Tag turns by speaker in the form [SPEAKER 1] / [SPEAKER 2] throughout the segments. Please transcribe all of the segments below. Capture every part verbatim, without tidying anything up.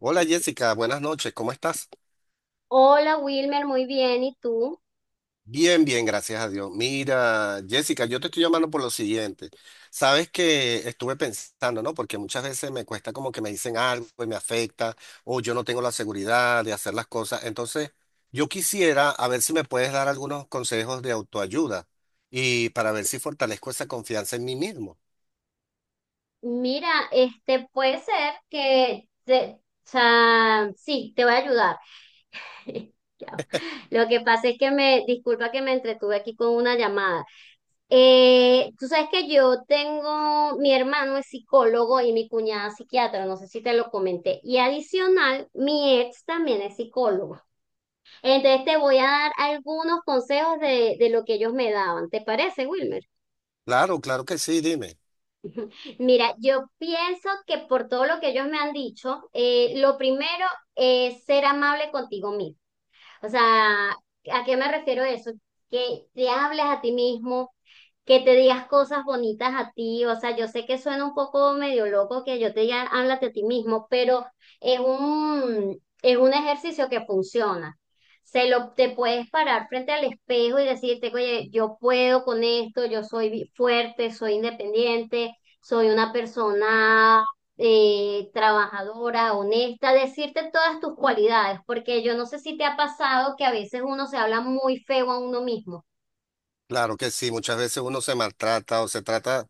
[SPEAKER 1] Hola Jessica, buenas noches, ¿cómo estás?
[SPEAKER 2] Hola Wilmer, muy bien. ¿Y tú?
[SPEAKER 1] Bien, bien, gracias a Dios. Mira, Jessica, yo te estoy llamando por lo siguiente. Sabes que estuve pensando, ¿no? Porque muchas veces me cuesta como que me dicen algo y me afecta, o yo no tengo la seguridad de hacer las cosas. Entonces, yo quisiera a ver si me puedes dar algunos consejos de autoayuda y para ver si fortalezco esa confianza en mí mismo.
[SPEAKER 2] Mira, este puede ser que, te- o sea, sí, te voy a ayudar. Ya. Lo que pasa es que me, disculpa que me entretuve aquí con una llamada. Eh, tú sabes que yo tengo, mi hermano es psicólogo y mi cuñada es psiquiatra, no sé si te lo comenté. Y adicional, mi ex también es psicólogo. Entonces te voy a dar algunos consejos de, de lo que ellos me daban. ¿Te parece, Wilmer?
[SPEAKER 1] Claro, claro que sí, dime.
[SPEAKER 2] Mira, yo pienso que por todo lo que ellos me han dicho, eh, lo primero es ser amable contigo mismo. O sea, ¿a qué me refiero eso? Que te hables a ti mismo, que te digas cosas bonitas a ti. O sea, yo sé que suena un poco medio loco que yo te diga, háblate a ti mismo, pero es un, es un ejercicio que funciona. Se lo, te puedes parar frente al espejo y decirte, oye, yo puedo con esto, yo soy fuerte, soy independiente, soy una persona eh, trabajadora, honesta, decirte todas tus cualidades, porque yo no sé si te ha pasado que a veces uno se habla muy feo a uno mismo.
[SPEAKER 1] Claro que sí, muchas veces uno se maltrata o se trata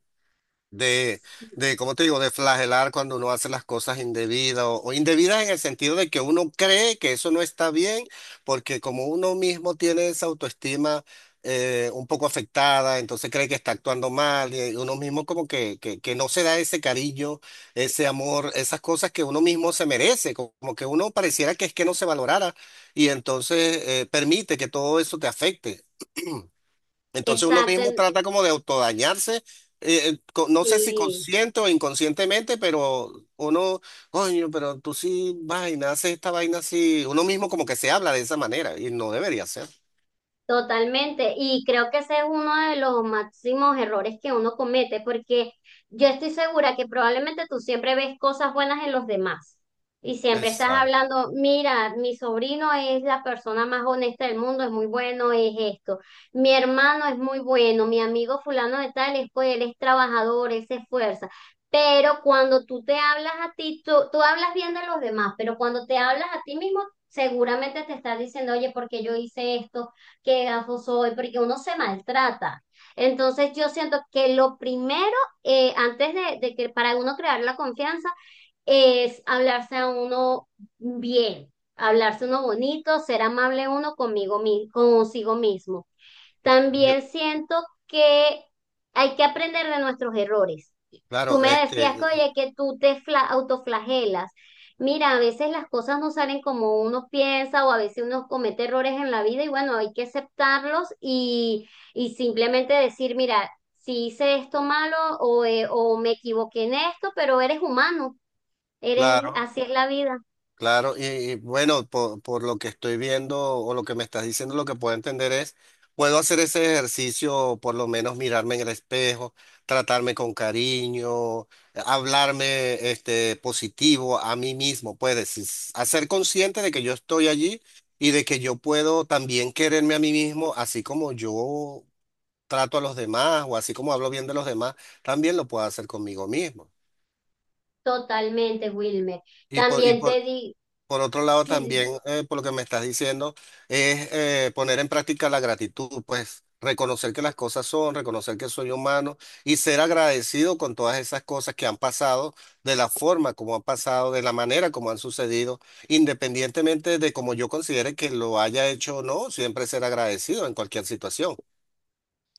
[SPEAKER 1] de,
[SPEAKER 2] Sí,
[SPEAKER 1] de, ¿cómo te digo?, de flagelar cuando uno hace las cosas indebidas o, o indebidas en el sentido de que uno cree que eso no está bien, porque como uno mismo tiene esa autoestima eh, un poco afectada, entonces cree que está actuando mal y eh, uno mismo como que, que, que no se da ese cariño, ese amor, esas cosas que uno mismo se merece, co- como que uno pareciera que es que no se valorara y entonces eh, permite que todo eso te afecte. Entonces uno
[SPEAKER 2] exacto,
[SPEAKER 1] mismo
[SPEAKER 2] el-
[SPEAKER 1] trata como de autodañarse, eh, eh, co- no sé si
[SPEAKER 2] sí.
[SPEAKER 1] consciente o inconscientemente, pero uno, coño, pero tú sí vaina, haces esta vaina así, uno mismo como que se habla de esa manera y no debería ser.
[SPEAKER 2] Totalmente, y creo que ese es uno de los máximos errores que uno comete, porque yo estoy segura que probablemente tú siempre ves cosas buenas en los demás y siempre estás
[SPEAKER 1] Exacto.
[SPEAKER 2] hablando, mira, mi sobrino es la persona más honesta del mundo, es muy bueno, es esto, mi hermano es muy bueno, mi amigo fulano de tal, es, pues, él es trabajador, él se esfuerza. Pero cuando tú te hablas a ti, tú, tú hablas bien de los demás, pero cuando te hablas a ti mismo, seguramente te estás diciendo, oye, ¿por qué yo hice esto? Qué gafo soy, porque uno se maltrata. Entonces yo siento que lo primero, eh, antes de, de que para uno crear la confianza, es hablarse a uno bien, hablarse uno bonito, ser amable uno conmigo, mi- consigo mismo. También siento que hay que aprender de nuestros errores. Tú
[SPEAKER 1] Claro,
[SPEAKER 2] me decías
[SPEAKER 1] este,
[SPEAKER 2] que,
[SPEAKER 1] eh,
[SPEAKER 2] oye, que tú te fla- autoflagelas. Mira, a veces las cosas no salen como uno piensa o a veces uno comete errores en la vida y bueno, hay que aceptarlos y, y simplemente decir, mira, si hice esto malo o, eh, o me equivoqué en esto, pero eres humano, eres,
[SPEAKER 1] claro.
[SPEAKER 2] así es la vida.
[SPEAKER 1] Claro, y, y bueno, por, por lo que estoy viendo o lo que me estás diciendo, lo que puedo entender es, puedo hacer ese ejercicio, por lo menos mirarme en el espejo, tratarme con cariño, hablarme este, positivo a mí mismo, puedes hacer consciente de que yo estoy allí y de que yo puedo también quererme a mí mismo, así como yo trato a los demás o así como hablo bien de los demás, también lo puedo hacer conmigo mismo.
[SPEAKER 2] Totalmente, Wilmer.
[SPEAKER 1] Y por, y
[SPEAKER 2] También te
[SPEAKER 1] por,
[SPEAKER 2] di,
[SPEAKER 1] Por otro lado,
[SPEAKER 2] sí.
[SPEAKER 1] también, eh, por lo que me estás diciendo, es eh, poner en práctica la gratitud, pues reconocer que las cosas son, reconocer que soy humano y ser agradecido con todas esas cosas que han pasado, de la forma como han pasado, de la manera como han sucedido, independientemente de cómo yo considere que lo haya hecho o no, siempre ser agradecido en cualquier situación.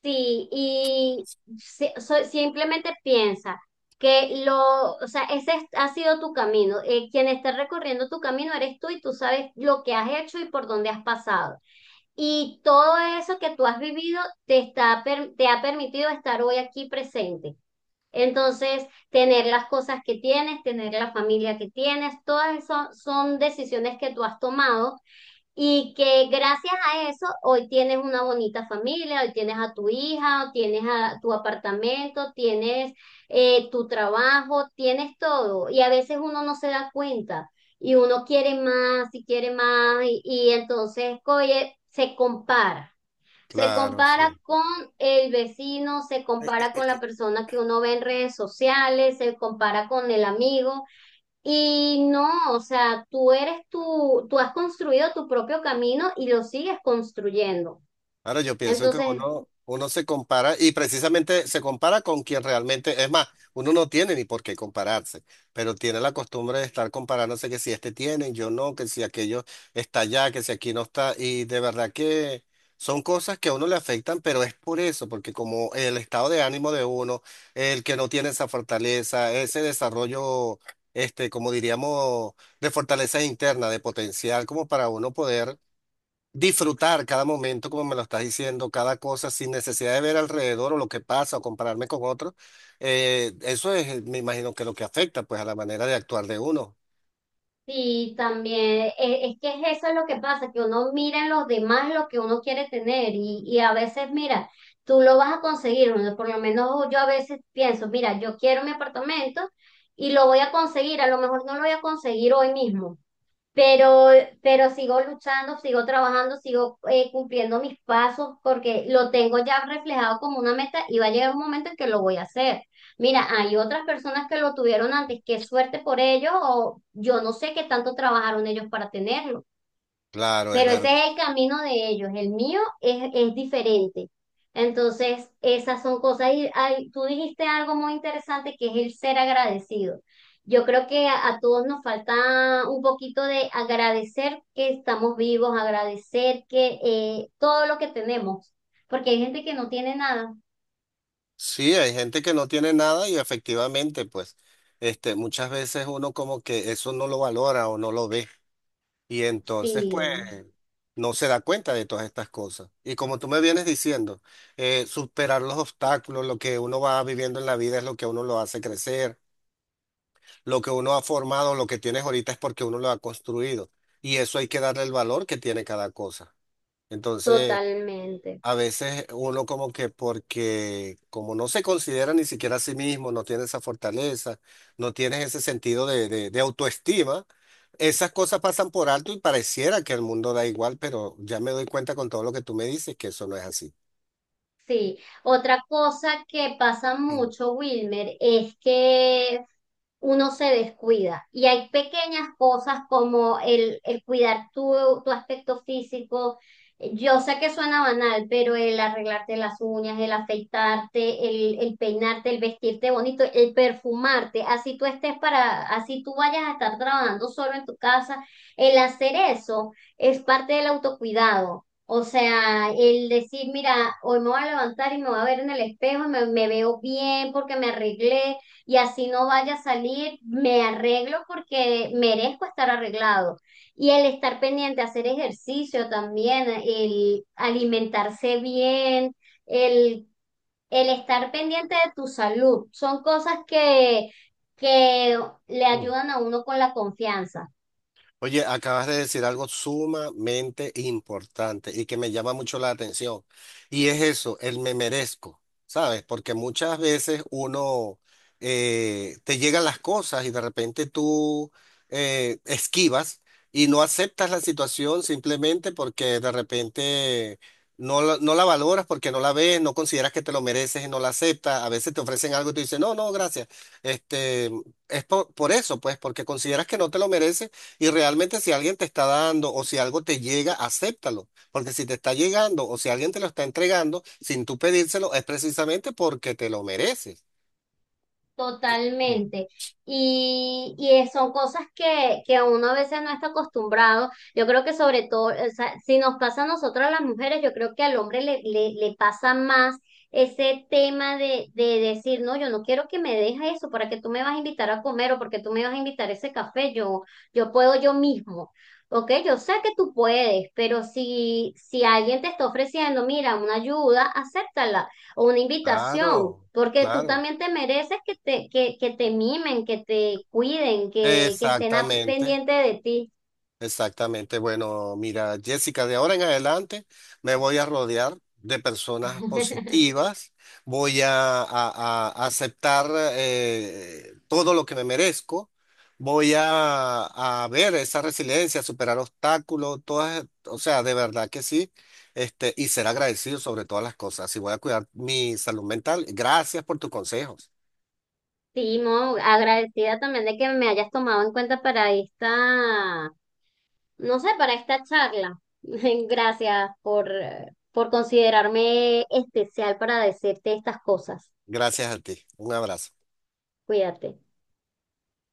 [SPEAKER 2] Sí, y si- so- simplemente piensa que lo, o sea, ese es- ha sido tu camino. Eh, quien está recorriendo tu camino eres tú y tú sabes lo que has hecho y por dónde has pasado. Y todo eso que tú has vivido te está, per- te ha permitido estar hoy aquí presente. Entonces, tener las cosas que tienes, tener la familia que tienes, todas esas son decisiones que tú has tomado y que gracias a eso hoy tienes una bonita familia, hoy tienes a tu hija, hoy tienes a tu apartamento, tienes eh, tu trabajo, tienes todo. Y a veces uno no se da cuenta y uno quiere más y quiere más y, y entonces, oye, se compara. Se
[SPEAKER 1] Claro,
[SPEAKER 2] compara
[SPEAKER 1] sí.
[SPEAKER 2] con el vecino, se compara con la persona que uno ve en redes sociales, se compara con el amigo y no, o sea, tú eres tú, tú has construido tu propio camino y lo sigues construyendo.
[SPEAKER 1] Ahora yo pienso que
[SPEAKER 2] Entonces,
[SPEAKER 1] uno, uno se compara y precisamente se compara con quien realmente, es más, uno no tiene ni por qué compararse, pero tiene la costumbre de estar comparándose que si este tiene, yo no, que si aquello está allá, que si aquí no está, y de verdad que son cosas que a uno le afectan, pero es por eso, porque como el estado de ánimo de uno, el que no tiene esa fortaleza, ese desarrollo, este, como diríamos, de fortaleza interna, de potencial, como para uno poder disfrutar cada momento, como me lo estás diciendo, cada cosa sin necesidad de ver alrededor o lo que pasa o compararme con otros. Eh, eso es, eh, me imagino que lo que afecta pues a la manera de actuar de uno.
[SPEAKER 2] sí, también, e- es, que es eso es lo que pasa, que uno mira en los demás lo que uno quiere tener y, y a veces, mira, tú lo vas a conseguir, uno- por lo menos yo a veces pienso, mira, yo quiero mi apartamento y lo voy a conseguir, a lo mejor no lo voy a conseguir hoy mismo. Pero, pero sigo luchando, sigo trabajando, sigo eh, cumpliendo mis pasos porque lo tengo ya reflejado como una meta y va a llegar un momento en que lo voy a hacer. Mira, hay otras personas que lo tuvieron antes, qué suerte por ellos o yo no sé qué tanto trabajaron ellos para tenerlo.
[SPEAKER 1] Claro, es
[SPEAKER 2] Pero ese
[SPEAKER 1] verdad.
[SPEAKER 2] es el camino de ellos, el mío es, es diferente. Entonces, esas son cosas. Y ay, tú dijiste algo muy interesante que es el ser agradecido. Yo creo que a, a todos nos falta un poquito de agradecer que estamos vivos, agradecer que eh, todo lo que tenemos, porque hay gente que no tiene nada.
[SPEAKER 1] Sí, hay gente que no tiene nada y efectivamente pues este, muchas veces uno como que eso no lo valora o no lo ve y entonces pues
[SPEAKER 2] Sí,
[SPEAKER 1] no se da cuenta de todas estas cosas. Y como tú me vienes diciendo, eh, superar los obstáculos, lo que uno va viviendo en la vida es lo que a uno lo hace crecer. Lo que uno ha formado, lo que tienes ahorita es porque uno lo ha construido. Y eso hay que darle el valor que tiene cada cosa. Entonces,
[SPEAKER 2] totalmente.
[SPEAKER 1] a veces uno como que porque como no se considera ni siquiera a sí mismo, no tiene esa fortaleza, no tienes ese sentido de, de, de autoestima, esas cosas pasan por alto y pareciera que el mundo da igual, pero ya me doy cuenta con todo lo que tú me dices que eso no es así.
[SPEAKER 2] Sí. Otra cosa que pasa mucho, Wilmer, es que uno se descuida. Y hay pequeñas cosas como el, el cuidar tu, tu aspecto físico. Yo sé que suena banal, pero el arreglarte las uñas, el afeitarte, el, el peinarte, el vestirte bonito, el perfumarte, así tú estés para, así tú vayas a estar trabajando solo en tu casa, el hacer eso es parte del autocuidado. O sea, el decir, mira, hoy me voy a levantar y me voy a ver en el espejo y me, me veo bien porque me arreglé y así no vaya a salir, me arreglo porque merezco estar arreglado. Y el estar pendiente, hacer ejercicio también, el alimentarse bien, el, el estar pendiente de tu salud, son cosas que, que le
[SPEAKER 1] Mm.
[SPEAKER 2] ayudan a uno con la confianza.
[SPEAKER 1] Oye, acabas de decir algo sumamente importante y que me llama mucho la atención. Y es eso, el me merezco, ¿sabes? Porque muchas veces uno eh, te llegan las cosas y de repente tú eh, esquivas y no aceptas la situación simplemente porque de repente no la, no la valoras, porque no la ves, no consideras que te lo mereces y no la aceptas. A veces te ofrecen algo y tú dices, no, no, gracias. Este, es por, por eso, pues, porque consideras que no te lo mereces y realmente si alguien te está dando o si algo te llega, acéptalo. Porque si te está llegando o si alguien te lo está entregando sin tú pedírselo, es precisamente porque te lo mereces.
[SPEAKER 2] Totalmente. Y, y es- son cosas que, que uno a veces no está acostumbrado. Yo creo que sobre todo, o sea, si nos pasa a nosotras las mujeres, yo creo que al hombre le, le, le pasa más ese tema de, de decir, no, yo no quiero que me dejes eso, ¿para que tú me vas a invitar a comer o porque tú me vas a invitar ese café? Yo, yo puedo yo mismo. Ok, yo sé que tú puedes, pero si, si alguien te está ofreciendo, mira, una ayuda, acéptala o una invitación,
[SPEAKER 1] Claro,
[SPEAKER 2] porque tú
[SPEAKER 1] claro.
[SPEAKER 2] también te mereces que te, que, que te mimen, que te cuiden, que, que estén a-
[SPEAKER 1] Exactamente.
[SPEAKER 2] pendiente de ti.
[SPEAKER 1] Exactamente. Bueno, mira, Jessica, de ahora en adelante me voy a rodear de personas positivas, voy a, a- a aceptar eh, todo lo que me merezco, voy a, a ver esa resiliencia, superar obstáculos, todas, o sea, de verdad que sí, este, y ser agradecido sobre todas las cosas. Y voy a cuidar mi salud mental. Gracias por tus consejos.
[SPEAKER 2] Sí, Mo, agradecida también de que me hayas tomado en cuenta para esta, no sé, para esta charla. Gracias por, por considerarme especial para decirte estas cosas.
[SPEAKER 1] Gracias a ti. Un abrazo.
[SPEAKER 2] Cuídate.